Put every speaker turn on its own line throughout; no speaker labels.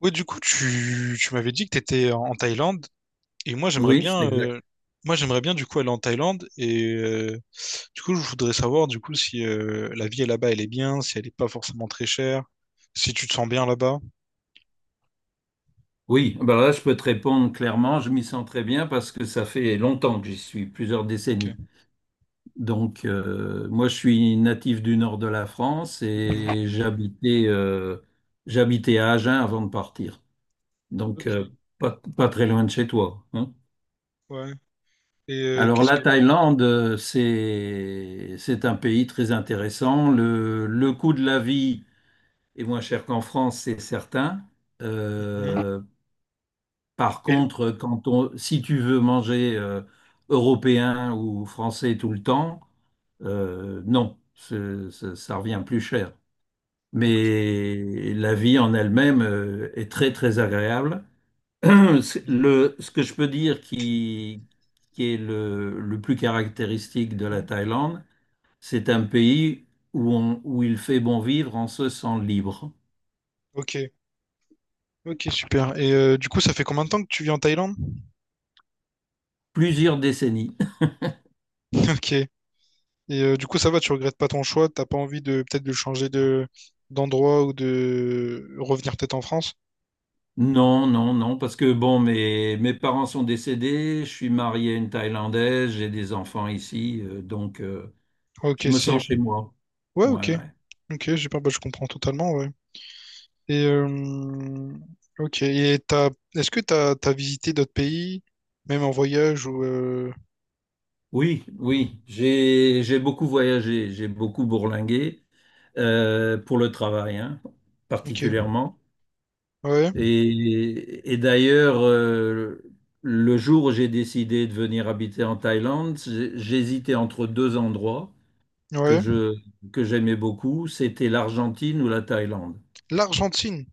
Ouais, du coup, tu m'avais dit que tu étais en Thaïlande et
Oui, c'est exact.
moi j'aimerais bien du coup aller en Thaïlande du coup, je voudrais savoir du coup si la vie là-bas elle est bien, si elle est pas forcément très chère, si tu te sens bien là-bas.
Oui, là, je peux te répondre clairement, je m'y sens très bien parce que ça fait longtemps que j'y suis, plusieurs
OK.
décennies. Donc, moi, je suis natif du nord de la France
Mhm.
et j'habitais à Agen avant de partir. Donc,
OK.
pas très loin de chez toi, hein.
Ouais. Et
Alors,
qu'est-ce
la
que...
Thaïlande, c'est un pays très intéressant. Le coût de la vie est moins cher qu'en France, c'est certain.
Mhm.
Euh, Par
Et-
contre, si tu veux manger européen ou français tout le temps, non, ça revient plus cher.
OK.
Mais la vie en elle-même est très très agréable.
Mhm.
Ce que je peux dire qui est le plus caractéristique de la
Mhm.
Thaïlande, c'est un pays où il fait bon vivre en se sent libre.
OK. Ok, super. Et du coup, ça fait combien de temps que tu vis en Thaïlande?
Plusieurs décennies.
OK. Et du coup, ça va, tu regrettes pas ton choix, t'as pas envie de peut-être de changer de d'endroit ou de revenir peut-être en France.
Non, non, non, parce que bon, mes parents sont décédés, je suis marié à une Thaïlandaise, j'ai des enfants ici,
Ah, ok,
je me
c'est...
sens chez moi.
Ouais,
Ouais,
ok.
ouais.
Ok, j'ai pas... Bah, je comprends totalement, ouais. Et ok. Et t'as, est-ce que t'as visité d'autres pays, même en voyage ou
Oui, oui, j'ai beaucoup voyagé, j'ai beaucoup bourlingué pour le travail, hein,
ok.
particulièrement.
Ouais,
Et d'ailleurs, le jour où j'ai décidé de venir habiter en Thaïlande, j'hésitais entre deux endroits que
ouais.
je, que j'aimais beaucoup, c'était l'Argentine ou la Thaïlande.
L'Argentine.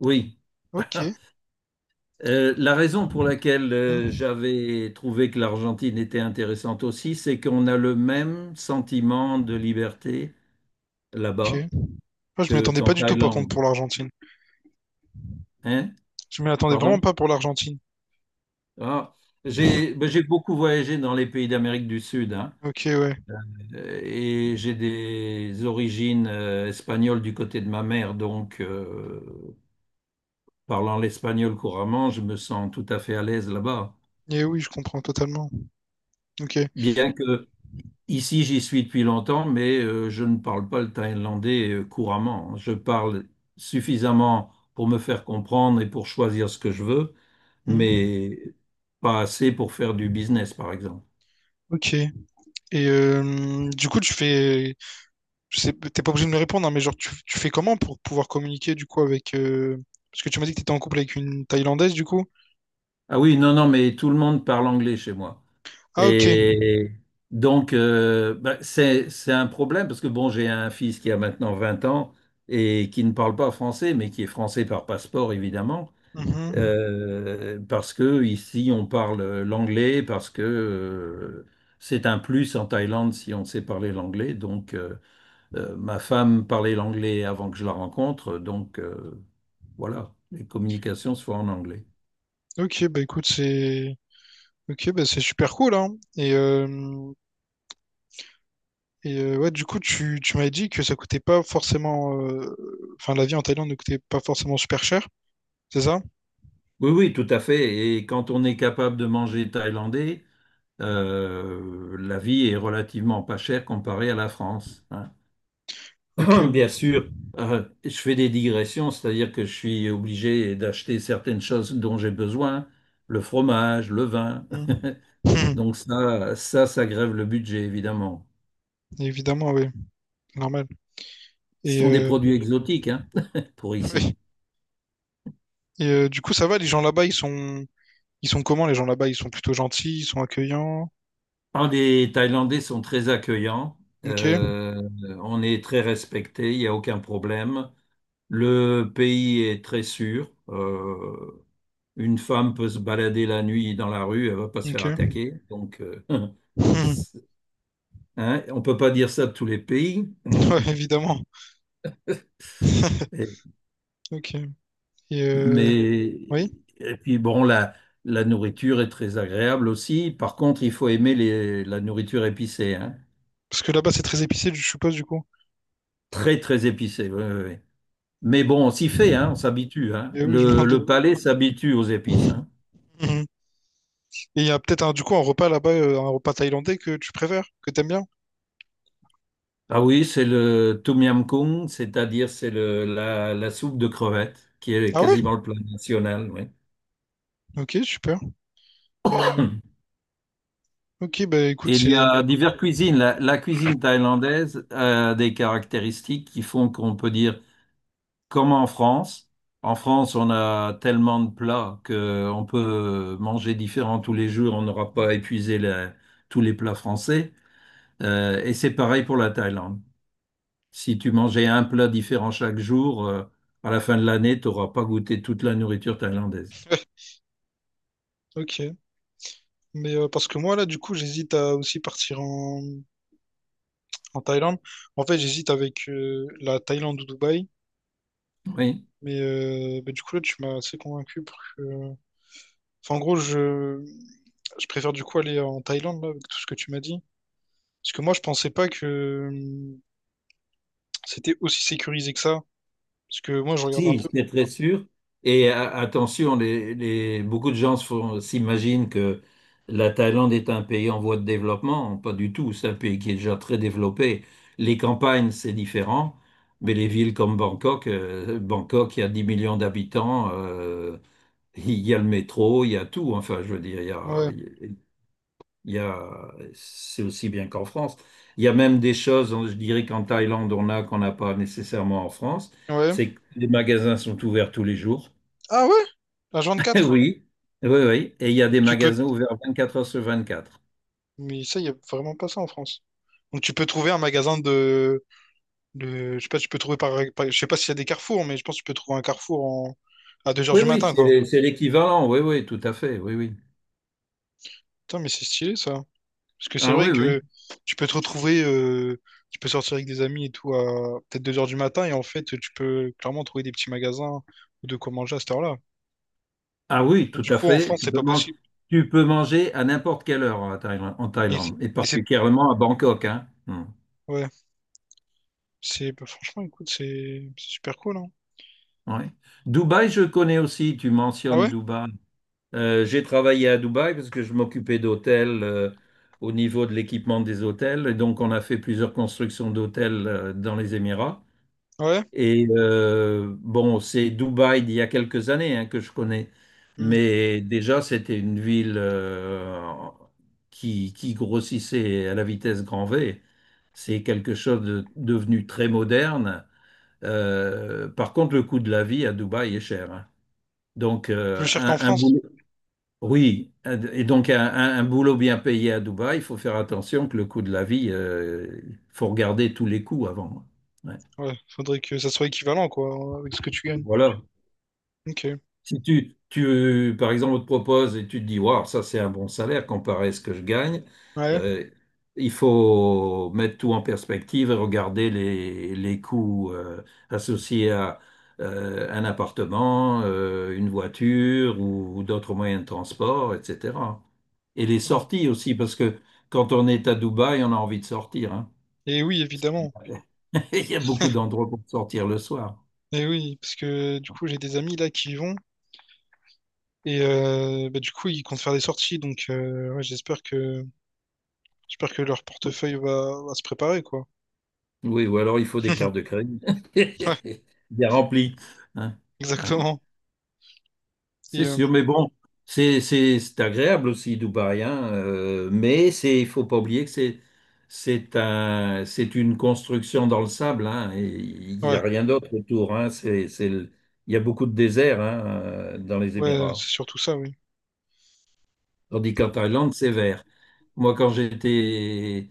Oui.
Ok.
La raison pour laquelle
Hmm.
j'avais trouvé que l'Argentine était intéressante aussi, c'est qu'on a le même sentiment de liberté
Ok.
là-bas
Moi, je m'y attendais
qu'en
pas du tout par contre
Thaïlande.
pour l'Argentine.
Hein?
Je m'y attendais vraiment
Pardon?
pas pour l'Argentine.
Ah, j'ai beaucoup voyagé dans les pays d'Amérique du Sud, hein,
Ok, ouais.
et j'ai des origines espagnoles du côté de ma mère, donc parlant l'espagnol couramment, je me sens tout à fait à l'aise là-bas.
Et oui, je comprends totalement. Ok.
Bien que ici, j'y suis depuis longtemps, mais je ne parle pas le thaïlandais couramment. Je parle suffisamment pour me faire comprendre et pour choisir ce que je veux,
Hmm.
mais pas assez pour faire du business, par exemple.
Ok. Et du coup, tu fais, je sais, t'es pas obligé de me répondre, hein, mais genre, tu fais comment pour pouvoir communiquer du coup avec, parce que tu m'as dit que t'étais en couple avec une Thaïlandaise du coup.
Ah oui, non, non, mais tout le monde parle anglais chez moi.
Ah ok.
Et donc, c'est un problème parce que bon, j'ai un fils qui a maintenant 20 ans et qui ne parle pas français, mais qui est français par passeport, évidemment,
Mhm.
parce que ici, on parle l'anglais, parce que c'est un plus en Thaïlande si on sait parler l'anglais. Donc, ma femme parlait l'anglais avant que je la rencontre, donc voilà, les communications se font en anglais.
Ok, bah écoute, c'est... Ok, bah c'est super cool, hein. Et, euh, et ouais, du coup, tu m'avais dit que ça coûtait pas forcément, enfin, la vie en Thaïlande ne coûtait pas forcément super cher, c'est ça?
Oui, oui, tout à fait. Et quand on est capable de manger thaïlandais, la vie est relativement pas chère comparée à la France, hein.
Ok, ouais.
Bien sûr, je fais des digressions, c'est-à-dire que je suis obligé d'acheter certaines choses dont j'ai besoin, le fromage, le vin.
Mhm.
Donc ça grève le budget, évidemment.
Évidemment, oui, normal.
Ce
Et,
sont des produits exotiques, hein, pour ici.
ouais. Et du coup, ça va, les gens là-bas, ils sont... Ils sont comment les gens là-bas? Ils sont plutôt gentils, ils sont accueillants.
Ah, les Thaïlandais sont très accueillants.
Ok,
Euh, on est très respecté, il n'y a aucun problème. Le pays est très sûr. Une femme peut se balader la nuit dans la rue, elle ne va pas se faire
ok.
attaquer. Donc, hein, on ne peut pas dire ça de tous les pays.
Ouais, évidemment.
Et-
Ok. Et
mais
oui,
et puis bon, la nourriture est très agréable aussi. Par contre, il faut aimer la nourriture épicée, hein.
parce que là-bas, c'est très épicé, je suppose, du coup.
Très très épicée. Oui, oui, oui. Mais bon, on s'y fait, hein, on s'habitue, hein.
Et oui, je m'en doute.
Le palais s'habitue aux épices, hein.
Mhm. Et il y a peut-être un, du coup un repas là-bas, un repas thaïlandais que tu préfères, que t'aimes bien.
Ah oui, c'est le tom yam goong, c'est-à-dire c'est la soupe de crevettes qui est
Ah ouais?
quasiment le plat national, oui.
Ok, super. Et, ok, bah écoute,
Et il y
c'est...
a diverses cuisines. La cuisine thaïlandaise a des caractéristiques qui font qu'on peut dire, comme en France, on a tellement de plats qu'on peut manger différents tous les jours, on n'aura pas épuisé tous les plats français. Et c'est pareil pour la Thaïlande. Si tu mangeais un plat différent chaque jour, à la fin de l'année, tu n'auras pas goûté toute la nourriture thaïlandaise.
Ok. Mais parce que moi, là, du coup, j'hésite à aussi partir en... En Thaïlande. En fait, j'hésite avec la Thaïlande ou Dubaï,
Oui.
mais bah, du coup, là, tu m'as assez convaincu pour que... Enfin, en gros, je... Je préfère du coup aller en Thaïlande, là, avec tout ce que tu m'as dit. Parce que moi, je pensais pas que c'était aussi sécurisé que ça. Parce que moi, je regarde un peu.
Si, c'est très sûr. Et attention, beaucoup de gens s'imaginent que la Thaïlande est un pays en voie de développement. Pas du tout. C'est un pays qui est déjà très développé. Les campagnes, c'est différent. Mais les villes comme Bangkok, Bangkok, il y a 10 millions d'habitants. Il y a le métro, il y a tout. Enfin, je veux dire, a-
Ouais,
il y a, c'est aussi bien qu'en France. Il y a même des choses, hein, je dirais qu'en Thaïlande, on a qu'on n'a pas nécessairement en France.
ouais.
C'est que les magasins sont ouverts tous les jours.
Ah ouais? La 24.
Oui, oui, oui. Et il y a
Donc,
des
tu peux...
magasins ouverts 24 heures sur 24.
Mais ça, il n'y a vraiment pas ça en France. Donc tu peux trouver un magasin de- je sais pas, tu peux trouver par, par- je sais pas s'il y a des carrefours, mais je pense que tu peux trouver un carrefour en, à 2 heures
Oui,
du
oui,
matin, quoi.
c'est l'équivalent. Oui, oui, tout à fait. Oui, oui.
Putain, mais c'est stylé ça. Parce que c'est
Ah
vrai
oui,
que
oui.
tu peux te retrouver, tu peux sortir avec des amis et tout à peut-être deux heures du matin et en fait tu peux clairement trouver des petits magasins ou de quoi manger à cette heure-là.
Ah oui,
Parce que
tout
du
à
coup en
fait.
France c'est pas possible.
Tu peux manger à n'importe quelle heure en Thaïlande, Et
Et c'est-
particulièrement à Bangkok, hein. Hmm.
ouais, c'est bah, franchement écoute c'est super cool hein.
Ouais. Dubaï, je connais aussi. Tu
Ah
mentionnes
ouais?
Dubaï. J'ai travaillé à Dubaï parce que je m'occupais d'hôtels au niveau de l'équipement des hôtels. Et donc, on a fait plusieurs constructions d'hôtels dans les Émirats.
Ouais?
Et bon, c'est Dubaï d'il y a quelques années, hein, que je connais.
Hmm.
Mais déjà, c'était une ville qui grossissait à la vitesse grand V. C'est quelque chose de devenu très moderne. Par contre, le coût de la vie à Dubaï est cher, hein. Donc,
Plus cher qu'en
un
France?
boulot oui, et donc un boulot bien payé à Dubaï, il faut faire attention que le coût de la vie, il faut regarder tous les coûts avant. Ouais.
Ouais, faudrait que ça soit équivalent quoi avec ce que tu gagnes.
Voilà,
Ok.
si par exemple, on te propose et tu te dis, waouh, ça c'est un bon salaire comparé à ce que je gagne,
Ouais.
euh, il faut mettre tout en perspective et regarder les coûts associés à un appartement, une voiture ou d'autres moyens de transport, etc. Et les
Ouais.
sorties aussi, parce que quand on est à Dubaï, on a envie de sortir, hein.
Et oui évidemment.
Il y a beaucoup d'endroits pour sortir le soir.
Et oui parce que du coup j'ai des amis là qui y vont. Et bah, du coup, ils comptent faire des sorties, donc ouais, j'espère que leur portefeuille va, va se préparer, quoi.
Oui, ou alors il faut des cartes de crédit
Ouais,
bien remplies, hein. Ouais,
exactement. Et,
c'est sûr, mais bon, c'est agréable aussi, Dubaï, hein, mais c'est, il faut pas oublier que c'est une construction dans le sable, hein, et il n'y
ouais,
a rien d'autre autour, hein. Il y a beaucoup de désert, hein, dans les
ouais, c'est
Émirats.
surtout ça, oui.
Tandis qu'en Thaïlande, c'est vert. Moi, quand j'étais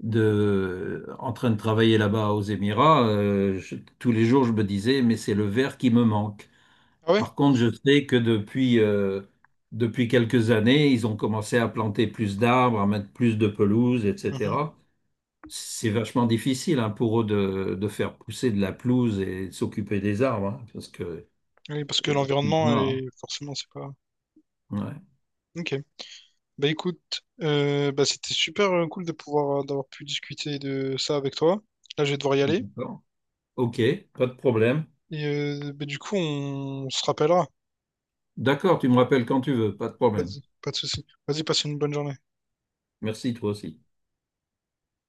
de, en train de travailler là-bas aux Émirats, tous les jours, je me disais, mais c'est le vert qui me manque.
Ah ouais?
Par contre, je sais que depuis quelques années, ils ont commencé à planter plus d'arbres, à mettre plus de pelouse,
Mhm.
etc. C'est vachement difficile, hein, pour eux de faire pousser de la pelouse et de s'occuper des arbres, hein, parce que
Oui, parce que
c'est le
l'environnement,
climat,
est... forcément, c'est pas...
hein. Ouais.
Ok. Bah écoute, bah, c'était super cool de pouvoir d'avoir pu discuter de ça avec toi. Là, je vais devoir y aller.
D'accord. Ok, pas de problème.
Et bah, du coup, on se rappellera.
D'accord, tu me rappelles quand tu veux, pas de problème.
Vas-y, pas de souci. Vas-y, passe une bonne journée.
Merci, toi aussi.